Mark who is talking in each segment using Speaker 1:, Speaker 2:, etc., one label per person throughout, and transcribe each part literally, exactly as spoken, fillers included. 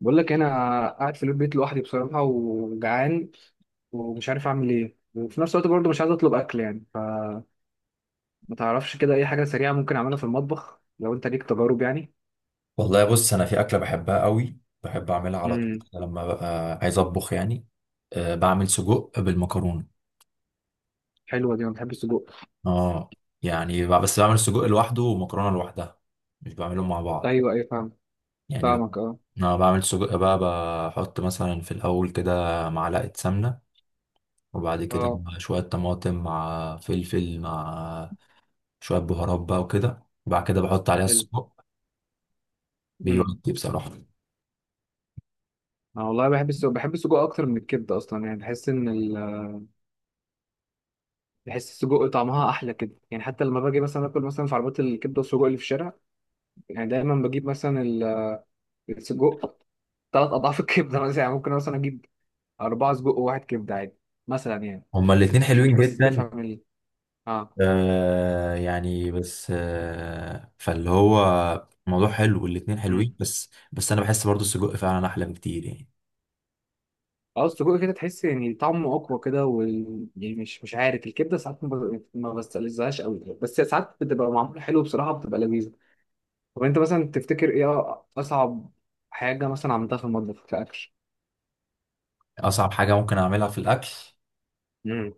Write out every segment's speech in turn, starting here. Speaker 1: بقول لك انا قاعد في البيت لوحدي بصراحه وجعان، ومش عارف اعمل ايه، وفي نفس الوقت برضه مش عايز اطلب اكل يعني. فما تعرفش كده اي حاجه سريعه ممكن اعملها في المطبخ لو انت ليك تجارب؟ يعني.
Speaker 2: والله بص انا في اكله بحبها قوي بحب اعملها على طول
Speaker 1: امم
Speaker 2: كده لما ببقى عايز اطبخ يعني. أه بعمل سجق بالمكرونه.
Speaker 1: حلوه دي، انا بحب السجق.
Speaker 2: اه يعني ب- بس بعمل سجق لوحده ومكرونه لوحدها، مش بعملهم مع بعض.
Speaker 1: ايوه، ايوه، فاهم.
Speaker 2: يعني ب-
Speaker 1: فاهمك، اه.
Speaker 2: انا بعمل سجق بقى، بحط مثلا في الاول كده معلقه سمنه، وبعد كده
Speaker 1: اه،
Speaker 2: مع شويه طماطم مع فلفل مع شويه بهارات بقى وكده، وبعد كده بحط عليها
Speaker 1: حلو.
Speaker 2: السجق.
Speaker 1: امم
Speaker 2: بيودي بصراحه.
Speaker 1: انا والله بحب السجق، بحب السجق اكتر من الكبده اصلا يعني. بحس ان ال... بحس السجق طعمها احلى كده يعني. حتى لما باجي مثلا اكل مثلا في عربيات الكبده والسجق اللي في الشارع، يعني دايما بجيب مثلا ال- السجق ثلاث اضعاف الكبده مثلا يعني. ممكن مثلا اجيب أربعة سجق وواحد كبدة عادي، مثلا يعني.
Speaker 2: هما الاتنين
Speaker 1: عشان
Speaker 2: حلوين
Speaker 1: بس
Speaker 2: جدا.
Speaker 1: تفهم ال اه
Speaker 2: آه يعني بس آه فاللي هو الموضوع حلو والاتنين
Speaker 1: مم.
Speaker 2: حلوين، بس بس انا بحس برضو السجق فعلا احلى بكتير يعني.
Speaker 1: اه السجق كده تحس يعني طعمه أقوى كده، وال... يعني مش مش عارف. الكبدة ساعات ما ب- ما بستلذهاش قوي، بس ساعات بتبقى معمولة حلو بصراحة، بتبقى لذيذة. طب أنت مثلا تفتكر إيه أصعب حاجة مثلا عملتها في المطبخ كأكل؟
Speaker 2: اصعب حاجه ممكن اعملها في الاكل،
Speaker 1: مم.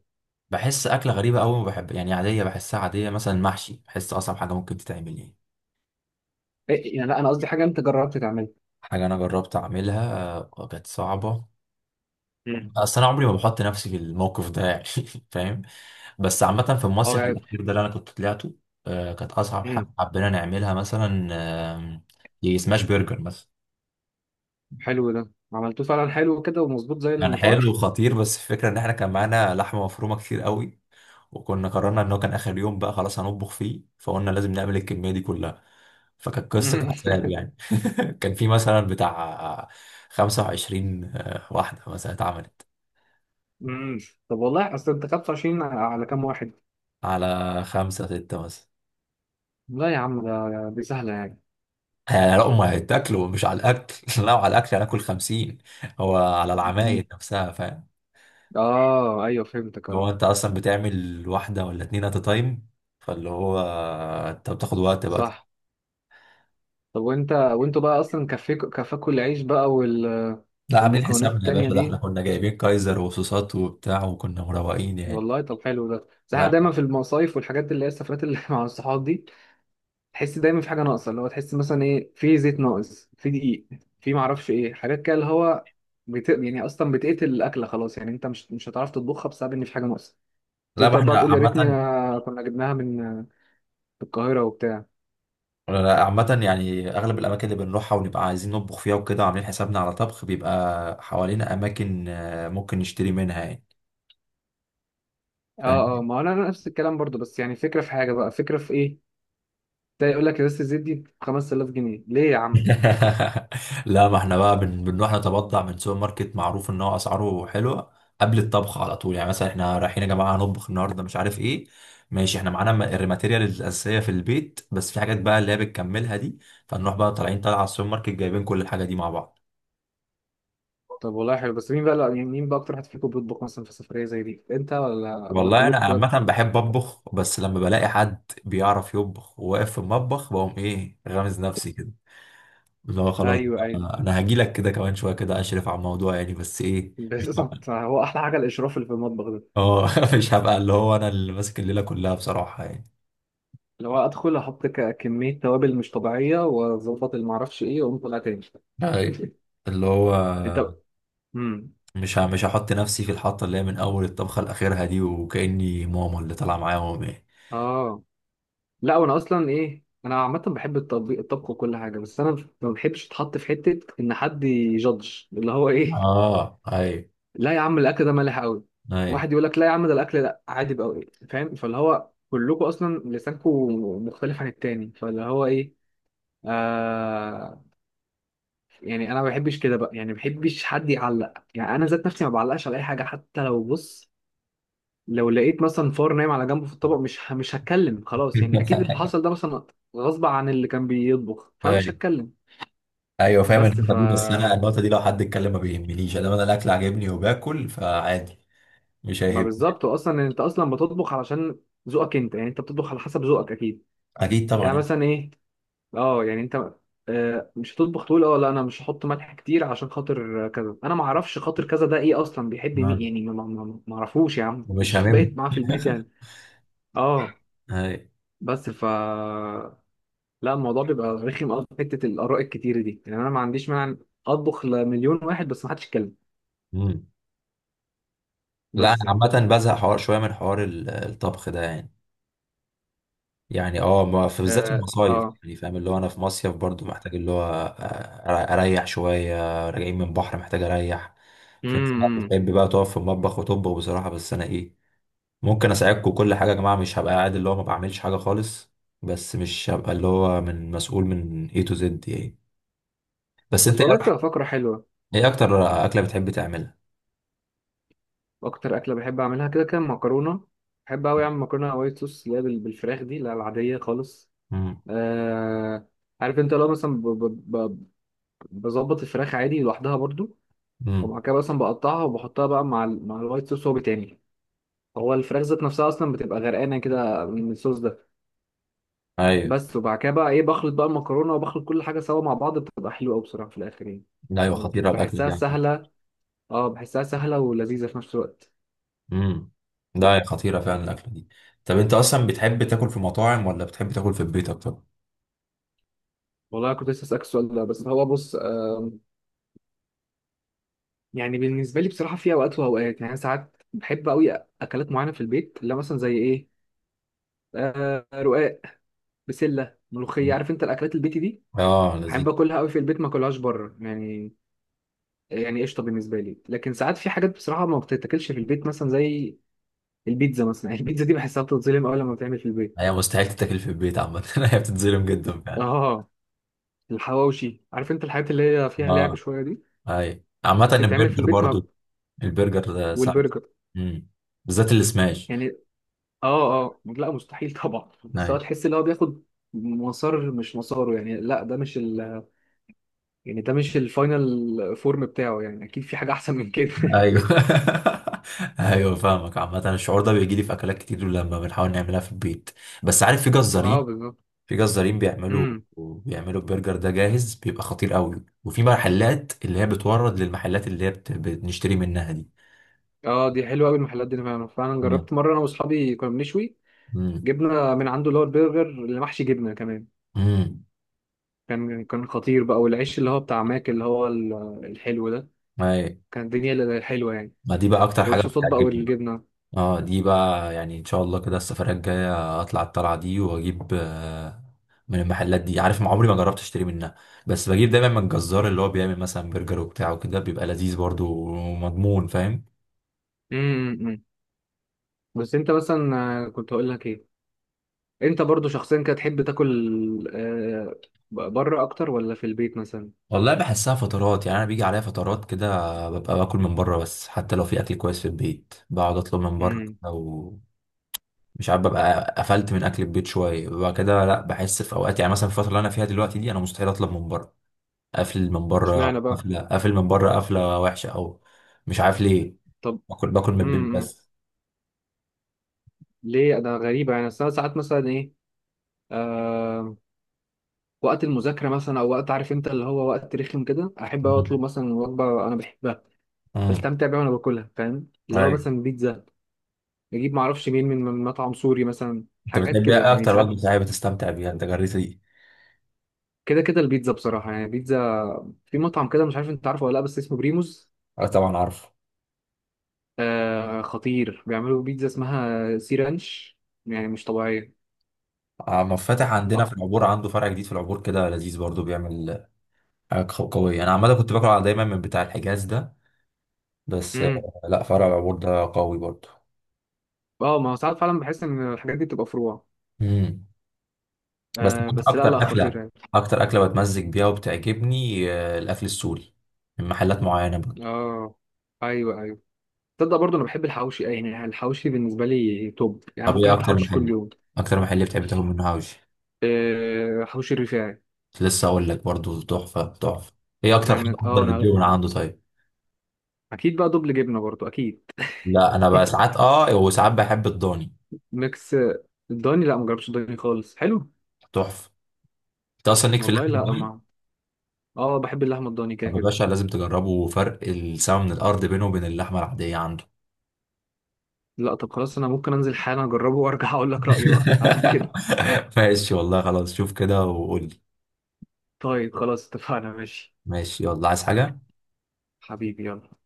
Speaker 2: بحس اكله غريبه قوي، ما بحب يعني، عاديه، بحسها عاديه. مثلا المحشي بحس اصعب حاجه ممكن تتعمل يعني.
Speaker 1: إيه يعني، لا أنا قصدي حاجة أنت جربت تعملها.
Speaker 2: حاجه انا جربت اعملها، آه، كانت صعبه.
Speaker 1: مم.
Speaker 2: اصل انا عمري ما بحط نفسي في الموقف ده يعني فاهم. بس عامه في المصيف
Speaker 1: اه.
Speaker 2: الاخير ده اللي انا كنت طلعته، آه كانت اصعب حاجه
Speaker 1: مم.
Speaker 2: حبينا نعملها مثلا، آه، سماش برجر مثلا.
Speaker 1: حلو، ده عملتوه فعلا، حلو كده ومظبوط زي
Speaker 2: كان
Speaker 1: المطاعم.
Speaker 2: حلو وخطير، بس الفكرة ان احنا كان معانا لحمة مفرومة كتير قوي، وكنا قررنا ان هو كان اخر يوم بقى، خلاص هنطبخ فيه، فقلنا لازم نعمل الكمية دي كلها، فكانت قصة عذاب يعني. كان في مثلا بتاع خمسة وعشرين واحدة مثلا اتعملت.
Speaker 1: مم. طب والله، اصل انت خمسة وعشرين على كام واحد؟
Speaker 2: على خمسة ستة مثلا
Speaker 1: لا يا عم، ده دي سهلة يعني.
Speaker 2: يعني. لا، هم هيتاكلوا مش على الاكل لا على الاكل هناكل خمسين، هو على العمايل نفسها، فاهم؟
Speaker 1: اه، ايوه فهمتك،
Speaker 2: هو
Speaker 1: اه.
Speaker 2: انت اصلا بتعمل واحدة ولا اتنين ات تايم؟ فاللي هو انت بتاخد وقت بقى.
Speaker 1: صح. طب وانت وانتوا بقى اصلا كفيكوا كفاكوا العيش بقى وال...
Speaker 2: لا عاملين
Speaker 1: والمكونات
Speaker 2: حسابنا يا
Speaker 1: التانية
Speaker 2: باشا، ده احنا
Speaker 1: دي؟
Speaker 2: كنا جايبين كايزر وصوصات وبتاع، وكنا مروقين يعني.
Speaker 1: والله طب حلو ده، بس احنا
Speaker 2: لا
Speaker 1: دايما في المصايف والحاجات اللي هي السفرات اللي مع الصحاب دي، تحس دايما في حاجة ناقصة، اللي هو تحس مثلا ايه، في زيت ناقص، في دقيق، في معرفش ايه، حاجات كده اللي هو بت... يعني اصلا بتقتل الاكلة خلاص يعني. انت مش مش هتعرف تطبخها بسبب ان في حاجة ناقصة.
Speaker 2: لا ما
Speaker 1: تفضل بقى
Speaker 2: احنا
Speaker 1: تقول يا ريتني
Speaker 2: عامة.
Speaker 1: آه، كنا جبناها من من القاهرة وبتاع.
Speaker 2: لا، عامة يعني أغلب الأماكن اللي بنروحها ونبقى عايزين نطبخ فيها وكده وعاملين حسابنا على طبخ، بيبقى حوالينا أماكن آه، ممكن نشتري منها
Speaker 1: اه، اه،
Speaker 2: يعني.
Speaker 1: ما هو انا أنا نفس الكلام برضو. بس يعني فكره في حاجه بقى، فكره في ايه؟ ده يقول لك ازازه الزيت دي ب خمسة آلاف جنيه ليه يا عم؟
Speaker 2: لا ما احنا بقى بن... بنروح نتبضع من سوبر ماركت معروف ان هو اسعاره حلوه قبل الطبخ على طول. يعني مثلا احنا رايحين يا جماعه هنطبخ النهارده مش عارف ايه، ماشي احنا معانا م- الماتيريال الاساسيه في البيت، بس في حاجات بقى اللي هي بتكملها دي، فنروح بقى طالعين طالعه على السوبر ماركت جايبين كل الحاجه دي مع بعض.
Speaker 1: طب والله حلو، بس مين بقى لا- يعني مين بقى اكتر واحد فيكم بيطبخ مثلا في سفريه زي دي، انت ولا ولا
Speaker 2: والله انا
Speaker 1: كلكم كده؟
Speaker 2: عامه بحب اطبخ، بس لما بلاقي حد بيعرف يطبخ وواقف في المطبخ بقوم ايه غامز نفسي كده، اللي هو خلاص
Speaker 1: ايوه، ايوه،
Speaker 2: بقى انا هجي لك كده كمان شويه كده اشرف على الموضوع يعني، بس ايه مش،
Speaker 1: بالظبط. هو احلى حاجه الاشراف اللي في المطبخ ده.
Speaker 2: اه مش هبقى اللي هو انا اللي ماسك الليله كلها بصراحه يعني.
Speaker 1: اللي هو ادخل احط ك- كميه توابل مش طبيعيه، واظبط اللي معرفش ايه، واقوم طالع تاني.
Speaker 2: أي. اللي هو
Speaker 1: انت. امم
Speaker 2: مش ه- مش هحط نفسي في الحطه اللي هي من اول الطبخه لاخرها دي وكاني ماما اللي طالعه معاهم يعني.
Speaker 1: اه لا وانا اصلا ايه، انا عامه بحب الطبيخ الطبخ وكل حاجه، بس انا ما بحبش اتحط في حته ان حد يجادج اللي هو ايه.
Speaker 2: اه اي.
Speaker 1: لا يا عم، الاكل ده مالح قوي.
Speaker 2: اي
Speaker 1: واحد يقول لك لا يا عم، ده الاكل ده عادي بقى. إيه؟ فاهم. فاللي هو كلكم اصلا لسانكم مختلف عن التاني، فاللي هو ايه، آه يعني انا ما بحبش كده بقى يعني، ما بحبش حد يعلق. يعني انا ذات نفسي ما بعلقش على اي حاجه، حتى لو بص، لو لقيت مثلا فار نايم على جنبه في الطبق مش ه- مش هتكلم خلاص يعني. اكيد اللي حصل ده مثلا غصب عن اللي كان بيطبخ،
Speaker 2: اي.
Speaker 1: فمش هتكلم.
Speaker 2: ايوه فاهم
Speaker 1: بس
Speaker 2: النقطه
Speaker 1: ف
Speaker 2: دي، بس انا النقطه دي لو حد اتكلم ما بيهمنيش، انا انا الاكل عاجبني وباكل فعادي، مش
Speaker 1: ما
Speaker 2: هيهمني.
Speaker 1: بالظبط، اصلا انت اصلا بتطبخ علشان ذوقك انت يعني، انت بتطبخ على حسب ذوقك اكيد.
Speaker 2: اكيد
Speaker 1: يعني
Speaker 2: طبعا.
Speaker 1: مثلا ايه، اه يعني انت، آه، مش هتطبخ تقول اه لا انا مش هحط ملح كتير عشان خاطر كذا. انا ما اعرفش خاطر كذا ده ايه اصلا، بيحب
Speaker 2: آه.
Speaker 1: مين يعني، ما ما- ما- ما اعرفوش يا عم،
Speaker 2: ومش
Speaker 1: مش
Speaker 2: هاممني.
Speaker 1: بايت معاه في البيت يعني. اه.
Speaker 2: اي.
Speaker 1: بس ف لا الموضوع بيبقى رخم قوي في حته الاراء الكتيره دي يعني، انا ما عنديش مانع اطبخ لمليون واحد بس ما حدش يتكلم.
Speaker 2: مم. لا انا
Speaker 1: بس يعني.
Speaker 2: عامه بزهق حوار شويه من حوار ال- الطبخ ده يعني. يعني اه ما- في بالذات
Speaker 1: اه،
Speaker 2: المصايف
Speaker 1: اه.
Speaker 2: يعني فاهم، اللي هو انا في مصيف برضو محتاج اللي هو آه، اريح شويه. راجعين من بحر محتاج اريح. في ناس بقى
Speaker 1: امم
Speaker 2: بتحب بقى تقف في المطبخ وتطبخ بصراحه، بس انا ايه، ممكن اساعدكم كل حاجه يا جماعه، مش هبقى قاعد اللي هو ما بعملش حاجه خالص، بس مش هبقى اللي هو من مسؤول من A to Z يعني. بس انت
Speaker 1: بس
Speaker 2: ايه
Speaker 1: والله بتبقى
Speaker 2: أك-
Speaker 1: فكره حلوه.
Speaker 2: إيه اكتر اكله بتحب تعملها؟
Speaker 1: اكتر اكله بحب اعملها كده كان مكرونه. بحب قوي اعمل مكرونه وايت صوص اللي هي بال- بالفراخ دي، لا العاديه خالص.
Speaker 2: امم.
Speaker 1: آه عارف انت لو مثلا ب- ب- ب- بظبط الفراخ عادي لوحدها برضو،
Speaker 2: امم.
Speaker 1: ومع كده مثلا بقطعها وبحطها بقى مع ال- مع الوايت صوص. هو بتعمل، هو الفراخ ذات نفسها اصلا بتبقى غرقانه كده من الصوص ده.
Speaker 2: ايوه.
Speaker 1: بس وبعد كده بقى ايه، بخلط بقى المكرونه وبخلط كل حاجه سوا مع بعض، بتبقى حلوه قوي بصراحه في الاخر يعني
Speaker 2: ايوه
Speaker 1: يعني بت-
Speaker 2: خطيره الاكل
Speaker 1: بحسها
Speaker 2: دي.
Speaker 1: سهله. اه، بحسها سهله ولذيذه في نفس الوقت.
Speaker 2: امم. ده هي خطيرة فعلا الأكلة دي. طب أنت أصلا بتحب تاكل في مطاعم ولا بتحب تاكل في البيت أكتر؟
Speaker 1: والله كنت لسه اسالك السؤال ده، بس هو بص، آم، يعني بالنسبه لي بصراحه في اوقات واوقات، يعني أنا ساعات بحب قوي اكلات معينه في البيت، اللي هي مثلا زي ايه، آه رقاق، بسله، ملوخيه،
Speaker 2: مم.
Speaker 1: عارف انت الاكلات البيتي دي.
Speaker 2: آه لذيذ.
Speaker 1: بحب اكلها قوي في البيت، ما اكلهاش بره يعني. يعني قشطه بالنسبه لي، لكن ساعات في حاجات بصراحه ما بتتاكلش في البيت مثلا زي البيتزا. مثلا البيتزا دي بحسها بتتظلم أوي لما بتعمل في البيت.
Speaker 2: هي مستحيل تتاكل في البيت عامة هي بتتظلم جدا فعلا.
Speaker 1: اه. الحواوشي، عارف انت الحاجات اللي هي فيها لعب
Speaker 2: آه
Speaker 1: شويه دي،
Speaker 2: أي، عامة
Speaker 1: بتتعمل في
Speaker 2: البرجر
Speaker 1: البيت مع
Speaker 2: برضو، البرجر ده صعب.
Speaker 1: والبرجر
Speaker 2: امم. بالذات السماش.
Speaker 1: يعني. اه، اه، لا مستحيل طبعا، بس هو
Speaker 2: أي.
Speaker 1: تحس ان هو بياخد مسار، مش مساره يعني. لا ده مش ال يعني ده مش الفاينل فورم بتاعه يعني، اكيد في حاجه احسن من كده.
Speaker 2: أيوه أيوه فاهمك، عامة الشعور ده بيجي لي في أكلات كتير لما بنحاول نعملها في البيت، بس عارف في
Speaker 1: اه،
Speaker 2: جزارين،
Speaker 1: بالظبط.
Speaker 2: في جزارين بيعملوا،
Speaker 1: امم
Speaker 2: بيعملوا البرجر ده جاهز، بيبقى خطير قوي. وفي محلات اللي هي بتورد للمحلات اللي هي بت- بنشتري منها دي.
Speaker 1: اه دي حلوه قوي، المحلات دي فعلا، فعلا
Speaker 2: مم.
Speaker 1: جربت مره انا واصحابي كنا بنشوي،
Speaker 2: مم.
Speaker 1: جبنا من عنده اللي هو البرجر اللي محشي جبنه كمان.
Speaker 2: مم.
Speaker 1: كان كان خطير بقى، والعيش اللي هو بتاع ماك، اللي هو ال- الحلو ده،
Speaker 2: أي.
Speaker 1: كان الدنيا اللي حلوة يعني،
Speaker 2: ما دي بقى اكتر حاجه
Speaker 1: والصوصات بقى
Speaker 2: بتعجبني بقى.
Speaker 1: والجبنة.
Speaker 2: اه دي بقى يعني ان شاء الله كده السفريه الجايه اطلع الطلعه دي واجيب آه، من المحلات دي، عارف ما عمري ما جربت اشتري منها، بس بجيب دايما من الجزار اللي هو بيعمل مثلا برجر وبتاع وكده بيبقى لذيذ برضو ومضمون، فاهم؟
Speaker 1: امم بس انت مثلا، آه، كنت هقول لك ايه، انت برضو شخصيا كده تحب تاكل، آه، بره اكتر ولا في البيت مثلا؟
Speaker 2: والله بحسها فترات يعني، انا بيجي عليا فترات كده ببقى باكل من بره، بس حتى لو في اكل كويس في البيت بقعد اطلب من بره.
Speaker 1: امم
Speaker 2: او مش عارف، ببقى قفلت من اكل البيت شويه، ببقى كده، لا بحس في اوقات يعني مثلا في الفتره اللي انا فيها دلوقتي دي انا مستحيل اطلب من بره، قافل من بره.
Speaker 1: اشمعنى بقى؟
Speaker 2: قافله قافل من بره، قافله وحشه، او مش عارف ليه،
Speaker 1: طب.
Speaker 2: باكل، باكل من البيت
Speaker 1: امم
Speaker 2: بس.
Speaker 1: ليه انا غريبة يعني؟ أصل أنا ساعات مثلا ايه، آه وقت المذاكرة مثلا، او وقت عارف انت اللي هو وقت رخم كده، احب أوي اطلب
Speaker 2: مم.
Speaker 1: مثلا وجبة انا بحبها،
Speaker 2: مم.
Speaker 1: بستمتع بيها وانا باكلها، فاهم، اللي هو
Speaker 2: ايوه.
Speaker 1: مثلا بيتزا، نجيب معرفش مين من من مطعم سوري مثلا،
Speaker 2: انت
Speaker 1: حاجات
Speaker 2: بتحب
Speaker 1: كده
Speaker 2: ايه
Speaker 1: يعني
Speaker 2: اكتر وجبه
Speaker 1: ساعات.
Speaker 2: صحيه بتستمتع بيها انت جريت دي؟
Speaker 1: كده كده البيتزا بصراحة، يعني بيتزا في مطعم كده، مش عارف انت عارفه ولا لا، بس اسمه بريموز.
Speaker 2: اه طبعا عارف.
Speaker 1: آه خطير، بيعملوا بيتزا اسمها سي رانش، يعني مش طبيعية.
Speaker 2: عم فتح عندنا في
Speaker 1: اكتر.
Speaker 2: العبور عنده فرع جديد في العبور، كده لذيذ برضو بيعمل، آه، ق- قوية. أنا عامة كنت باكل على- دايما من بتاع الحجاز ده، بس آه،
Speaker 1: امم
Speaker 2: لا فرع العبور ده قوي برضه.
Speaker 1: اه، ما هو ساعات فعلا بحس ان الحاجات دي بتبقى فروع.
Speaker 2: مم. بس
Speaker 1: آه بس لا، لا
Speaker 2: أكتر
Speaker 1: خطير
Speaker 2: أكلة،
Speaker 1: يعني.
Speaker 2: أكتر أكلة بتمزج بيها وبتعجبني، آه، الأكل السوري من محلات معينة برضه.
Speaker 1: اه، ايوه، ايوه. تصدق برضه انا بحب الحواوشي، أي، يعني الحواوشي بالنسبة لي توب، يعني
Speaker 2: طب
Speaker 1: ممكن
Speaker 2: إيه
Speaker 1: اكل
Speaker 2: أكتر
Speaker 1: حواوشي كل
Speaker 2: محل
Speaker 1: يوم.
Speaker 2: أكتر محل بتحب تاكل منه حواوشي؟
Speaker 1: آه حواوشي الرفاعي.
Speaker 2: كنت لسه أقول لك برضه، تحفة تحفة. إيه أكتر حاجة
Speaker 1: يعني اه،
Speaker 2: أفضل
Speaker 1: انا
Speaker 2: بتجيبه من عنده طيب؟
Speaker 1: اكيد بقى دبل جبنة برضه اكيد.
Speaker 2: لا أنا بقى ساعات أه وساعات بحب الضاني.
Speaker 1: ميكس. الضاني، لا ما جربتش الضاني خالص، حلو.
Speaker 2: تحفة. أنت أصلا ليك في
Speaker 1: والله
Speaker 2: اللحمة
Speaker 1: لا،
Speaker 2: الضاني؟
Speaker 1: ما اه بحب اللحمه الضاني كده
Speaker 2: طب يا
Speaker 1: كده.
Speaker 2: باشا لازم تجربوا، فرق السما من الأرض بينه وبين اللحمة العادية عنده.
Speaker 1: لا طب خلاص، انا ممكن انزل حالا اجربه وارجع اقول لك رايي بقى على كده.
Speaker 2: ماشي والله خلاص، شوف كده وقول لي.
Speaker 1: طيب خلاص، اتفقنا ماشي.
Speaker 2: ماشي، يلا عايز حاجة؟
Speaker 1: حبيبي يلا.